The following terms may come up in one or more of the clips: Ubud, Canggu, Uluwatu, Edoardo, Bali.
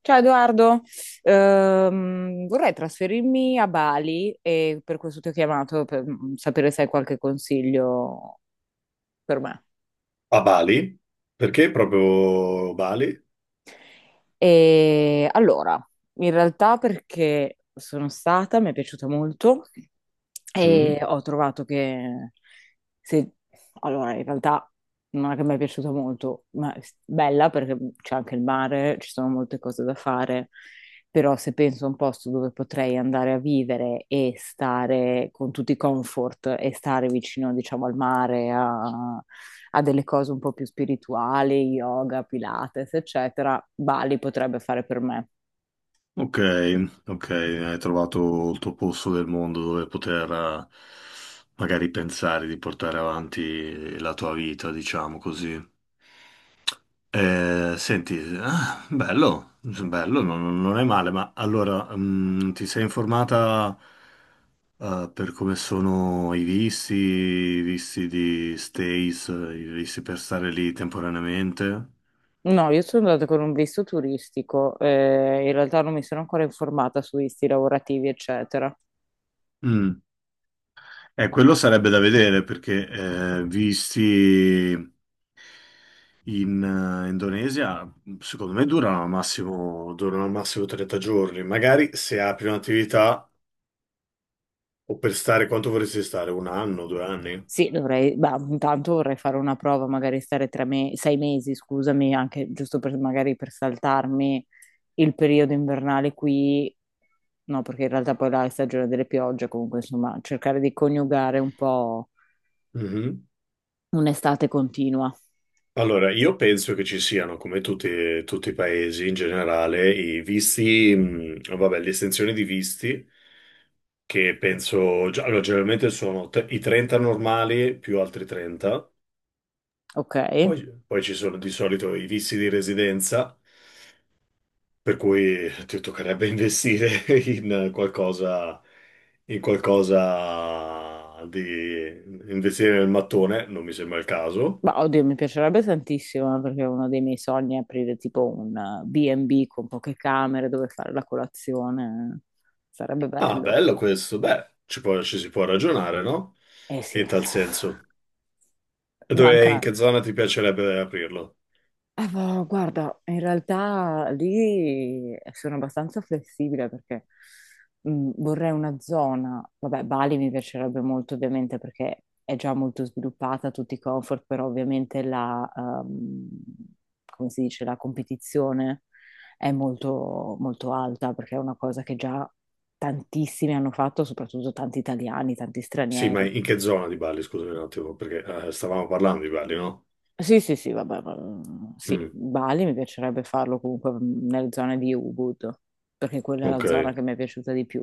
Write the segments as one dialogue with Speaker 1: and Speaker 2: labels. Speaker 1: Ciao Edoardo. Vorrei trasferirmi a Bali e per questo ti ho chiamato per sapere se hai qualche consiglio per me.
Speaker 2: A Bali? Perché proprio Bali?
Speaker 1: E allora, in realtà perché sono stata, mi è piaciuta molto. E
Speaker 2: Mm.
Speaker 1: ho trovato che se... Allora, in realtà non è che mi è piaciuta molto, ma è bella perché c'è anche il mare, ci sono molte cose da fare, però se penso a un posto dove potrei andare a vivere e stare con tutti i comfort e stare vicino, diciamo, al mare, a, a delle cose un po' più spirituali, yoga, pilates, eccetera, Bali potrebbe fare per me.
Speaker 2: Ok, ok, hai trovato il tuo posto del mondo dove poter magari pensare di portare avanti la tua vita, diciamo così. Senti, ah, bello, bello, non è male, ma allora ti sei informata per come sono i visti di stays, i visti per stare lì temporaneamente?
Speaker 1: No, io sono andata con un visto turistico, in realtà non mi sono ancora informata su visti lavorativi, eccetera.
Speaker 2: Mm. Quello sarebbe da vedere perché visti in Indonesia, secondo me durano al massimo 30 giorni. Magari se apri un'attività o per stare quanto vorresti stare? Un anno, 2 anni?
Speaker 1: Sì, dovrei, bah, intanto vorrei fare una prova, magari stare sei mesi, scusami, anche giusto per, magari per saltarmi il periodo invernale qui, no, perché in realtà poi là è stagione delle piogge, comunque insomma, cercare di coniugare un po'
Speaker 2: Mhm.
Speaker 1: un'estate continua,
Speaker 2: Allora, io penso che ci siano, come tutti, tutti i paesi in generale, i visti, vabbè, le estensioni di visti, che penso, allora, generalmente sono i 30 normali più altri 30.
Speaker 1: ok?
Speaker 2: Poi, ci sono di solito i vizi di residenza, per cui ti toccherebbe investire in qualcosa, in qualcosa di investire nel mattone, non mi sembra il caso.
Speaker 1: Ma oddio, mi piacerebbe tantissimo, perché uno dei miei sogni è aprire tipo un B&B con poche camere dove fare la colazione. Sarebbe
Speaker 2: Ah,
Speaker 1: bello.
Speaker 2: bello questo, beh, ci si può ragionare, no?
Speaker 1: Eh
Speaker 2: In
Speaker 1: sì,
Speaker 2: tal senso. E dove, in
Speaker 1: manca.
Speaker 2: che zona ti piacerebbe aprirlo?
Speaker 1: Boh, guarda, in realtà lì sono abbastanza flessibile perché vorrei una zona, vabbè, Bali mi piacerebbe molto ovviamente perché è già molto sviluppata, tutti i comfort, però ovviamente la, come si dice, la competizione è molto, molto alta perché è una cosa che già tantissimi hanno fatto, soprattutto tanti italiani, tanti
Speaker 2: Sì, ma
Speaker 1: stranieri.
Speaker 2: in che zona di Bali? Scusami un attimo, perché stavamo parlando di Bali, no?
Speaker 1: Sì, sì, sì, vabbè, sì,
Speaker 2: Mm,
Speaker 1: Bali mi piacerebbe farlo comunque nelle zone di Ubud, perché quella è la
Speaker 2: ok.
Speaker 1: zona che mi è piaciuta di più.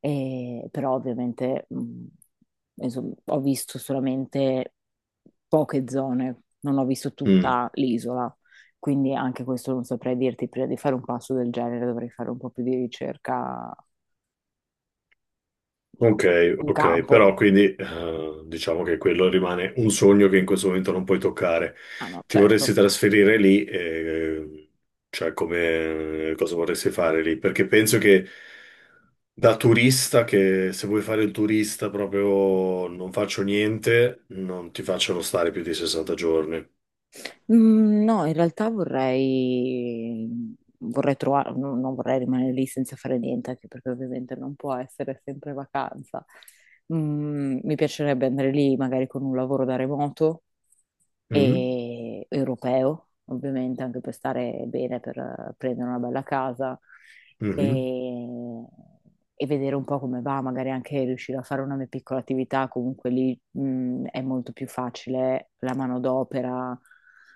Speaker 1: Però ovviamente, mm, insomma, ho visto solamente poche zone, non ho visto
Speaker 2: Mm.
Speaker 1: tutta l'isola, quindi anche questo non saprei dirti, prima di fare un passo del genere dovrei fare un po' più di ricerca,
Speaker 2: Ok,
Speaker 1: un
Speaker 2: ok,
Speaker 1: campo.
Speaker 2: però quindi diciamo che quello rimane un sogno che in questo momento non puoi toccare.
Speaker 1: Ah no,
Speaker 2: Ti
Speaker 1: certo.
Speaker 2: vorresti trasferire lì, cioè come cosa vorresti fare lì? Perché penso che da turista, che se vuoi fare il turista proprio non faccio niente, non ti facciano stare più di 60 giorni.
Speaker 1: Mm, no, in realtà vorrei, vorrei trovare, non vorrei rimanere lì senza fare niente, anche perché ovviamente non può essere sempre vacanza. Mm, mi piacerebbe andare lì magari con un lavoro da remoto,
Speaker 2: Mm?
Speaker 1: e europeo, ovviamente, anche per stare bene, per prendere una bella casa e,
Speaker 2: Mhm.
Speaker 1: e vedere un po' come va, magari anche riuscire a fare una mia piccola attività, comunque lì è molto più facile la manodopera,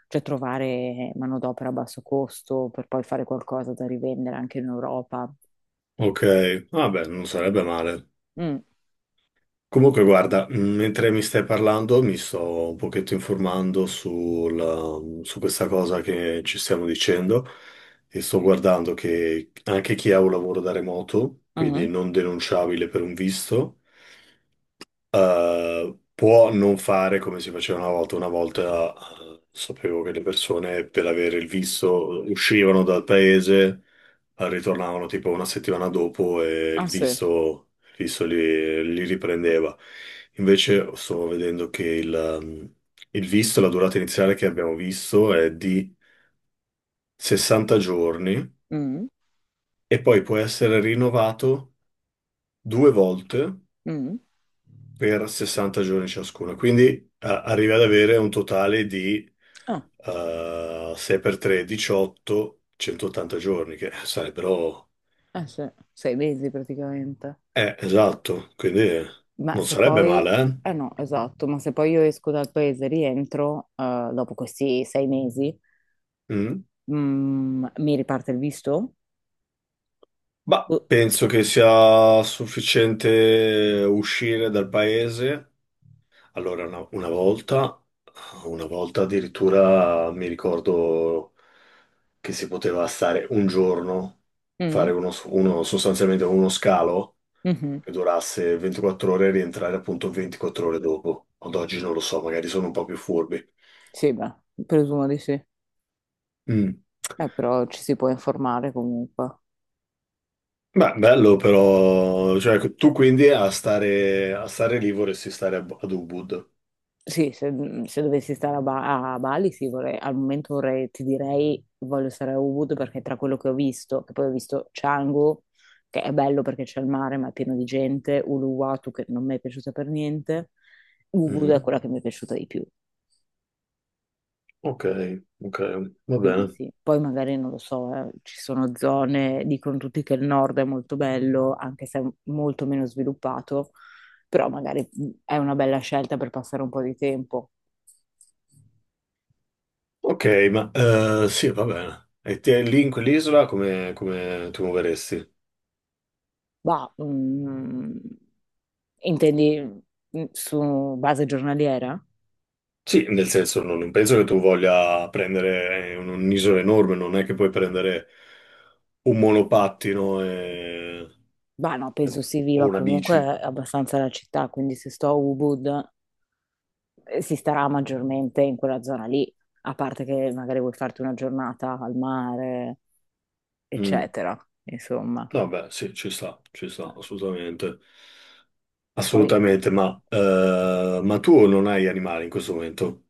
Speaker 1: cioè trovare manodopera a basso costo per poi fare qualcosa da rivendere anche in Europa.
Speaker 2: Ok, vabbè, non sarebbe male.
Speaker 1: Mm,
Speaker 2: Comunque, guarda, mentre mi stai parlando, mi sto un pochetto informando su questa cosa che ci stiamo dicendo e sto guardando che anche chi ha un lavoro da remoto, quindi
Speaker 1: mm.
Speaker 2: non denunciabile per un visto, può non fare come si faceva una volta. Una volta, sapevo che le persone per avere il visto uscivano dal paese, ritornavano tipo una settimana dopo e
Speaker 1: Ah
Speaker 2: il
Speaker 1: sì.
Speaker 2: visto, il visto li riprendeva. Invece sto vedendo che il visto, la durata iniziale che abbiamo visto è di 60 giorni
Speaker 1: Mm,
Speaker 2: e poi può essere rinnovato due volte
Speaker 1: mm.
Speaker 2: per 60 giorni ciascuno. Quindi arrivi ad avere un totale di
Speaker 1: Ah,
Speaker 2: 6 per 3, 18, 180 giorni, che sarebbero.
Speaker 1: eh sì, sei mesi praticamente.
Speaker 2: Esatto, quindi
Speaker 1: Ma
Speaker 2: non
Speaker 1: se
Speaker 2: sarebbe
Speaker 1: poi,
Speaker 2: male, eh?
Speaker 1: eh no, esatto, ma se poi io esco dal paese e rientro, dopo questi sei mesi,
Speaker 2: Mm.
Speaker 1: mm, mi riparte il visto?
Speaker 2: Ma
Speaker 1: Uh,
Speaker 2: penso che sia sufficiente uscire dal paese. Allora, una volta addirittura mi ricordo che si poteva stare un giorno, fare
Speaker 1: mm,
Speaker 2: sostanzialmente uno scalo
Speaker 1: mhm.
Speaker 2: che durasse 24 ore e rientrare appunto 24 ore dopo. Ad oggi non lo so, magari sono un po' più furbi.
Speaker 1: Sì, beh, presumo di sì.
Speaker 2: Mm.
Speaker 1: Però ci si può informare comunque.
Speaker 2: Beh, bello però, cioè tu quindi a stare lì vorresti stare ad Ubud.
Speaker 1: Sì, se, mhmm, se dovessi stare a Ba a Bali, sì, vorrei al momento vorrei ti direi voglio stare a Ubud perché tra quello che ho visto, che poi ho visto Canggu, che è bello perché c'è il mare ma è pieno di gente, Uluwatu che non mi è piaciuta per niente, Ubud è
Speaker 2: Mhm.
Speaker 1: quella che mi è piaciuta di più.
Speaker 2: Ok, ok, va
Speaker 1: Quindi
Speaker 2: bene.
Speaker 1: sì, poi magari non lo so, ci sono zone, dicono tutti che il nord è molto bello, anche se è molto meno sviluppato, però magari è una bella scelta per passare un po' di tempo.
Speaker 2: Ok, ma sì, va bene. E te lì in quell'isola come ti muoveresti?
Speaker 1: Bah, mm, intendi mm, su base giornaliera?
Speaker 2: Sì, nel senso non penso che tu voglia prendere un'isola enorme, non è che puoi prendere un monopattino
Speaker 1: Bah, no,
Speaker 2: e-
Speaker 1: penso si
Speaker 2: o
Speaker 1: viva
Speaker 2: una
Speaker 1: comunque
Speaker 2: bici.
Speaker 1: abbastanza la città, quindi se sto a Ubud si starà maggiormente in quella zona lì, a parte che magari vuoi farti una giornata al mare,
Speaker 2: Mm.
Speaker 1: eccetera, insomma.
Speaker 2: Vabbè, sì, ci sta, assolutamente.
Speaker 1: Poi,
Speaker 2: Assolutamente, ma tu non hai animali in questo momento?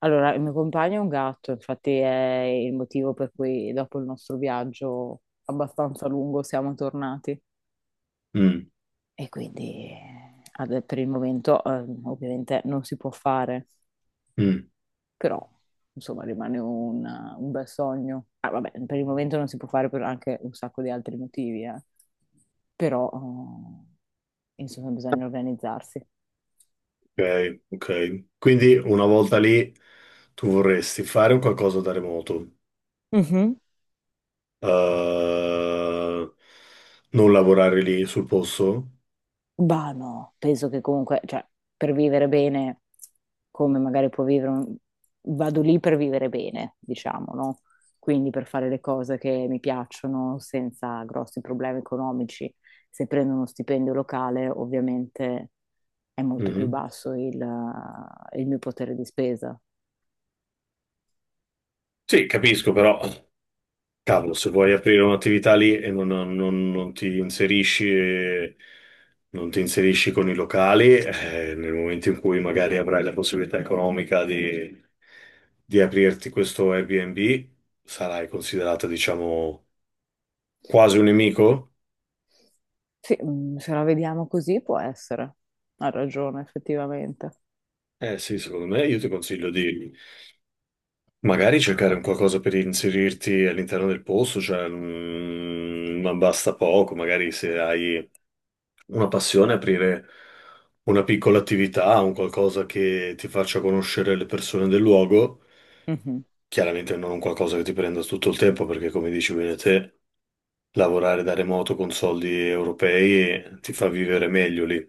Speaker 1: allora, il mio compagno è un gatto, infatti è il motivo per cui dopo il nostro viaggio abbastanza lungo siamo tornati.
Speaker 2: Mm,
Speaker 1: E quindi per il momento ovviamente non si può fare,
Speaker 2: mm,
Speaker 1: però insomma rimane un bel sogno. Ah, vabbè, per il momento non si può fare per anche un sacco di altri motivi, eh. Però insomma bisogna organizzarsi.
Speaker 2: ok, ok. Quindi una volta lì tu vorresti fare un qualcosa da remoto,
Speaker 1: Mhm.
Speaker 2: eh, non lavorare lì sul posto?
Speaker 1: Bah no, penso che comunque, cioè, per vivere bene, come magari può vivere un... Vado lì per vivere bene, diciamo, no? Quindi per fare le cose che mi piacciono senza grossi problemi economici. Se prendo uno stipendio locale, ovviamente è molto più
Speaker 2: Mhm.
Speaker 1: basso il mio potere di spesa.
Speaker 2: Sì, capisco, però. Cavolo, se vuoi aprire un'attività lì e non ti inserisci, non ti inserisci con i locali, nel momento in cui magari avrai la possibilità economica di aprirti questo Airbnb, sarai considerato, diciamo, quasi un nemico?
Speaker 1: Sì, mm, se la vediamo così può essere. Ha ragione, effettivamente.
Speaker 2: Eh sì, secondo me io ti consiglio di magari cercare un qualcosa per inserirti all'interno del posto, cioè, ma basta poco, magari se hai una passione, aprire una piccola attività, un qualcosa che ti faccia conoscere le persone del luogo.
Speaker 1: Mhm,
Speaker 2: Chiaramente non un qualcosa che ti prenda tutto il tempo, perché come dici bene te, lavorare da remoto con soldi europei ti fa vivere meglio lì.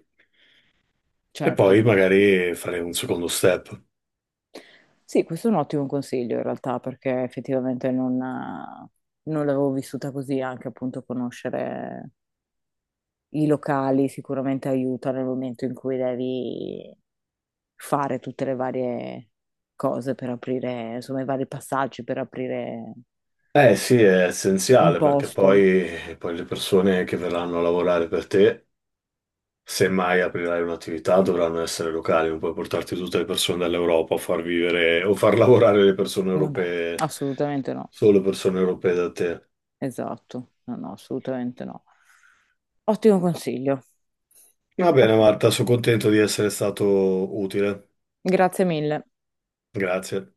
Speaker 2: E
Speaker 1: certo.
Speaker 2: poi magari fare un secondo step.
Speaker 1: Sì, questo è un ottimo consiglio in realtà, perché effettivamente non, non l'avevo vissuta così, anche appunto conoscere i locali sicuramente aiuta nel momento in cui devi fare tutte le varie cose per aprire, insomma, i vari passaggi per aprire
Speaker 2: Eh sì, è
Speaker 1: un
Speaker 2: essenziale perché
Speaker 1: posto.
Speaker 2: poi, le persone che verranno a lavorare per te se mai aprirai un'attività dovranno essere locali, non puoi portarti tutte le persone dall'Europa a far vivere o far lavorare le persone
Speaker 1: Vabbè,
Speaker 2: europee,
Speaker 1: assolutamente no.
Speaker 2: solo persone europee da te.
Speaker 1: Esatto, no, no, assolutamente no. Ottimo consiglio.
Speaker 2: Va
Speaker 1: Va
Speaker 2: bene,
Speaker 1: bene.
Speaker 2: Marta, sono contento di essere stato utile.
Speaker 1: Grazie mille.
Speaker 2: Grazie.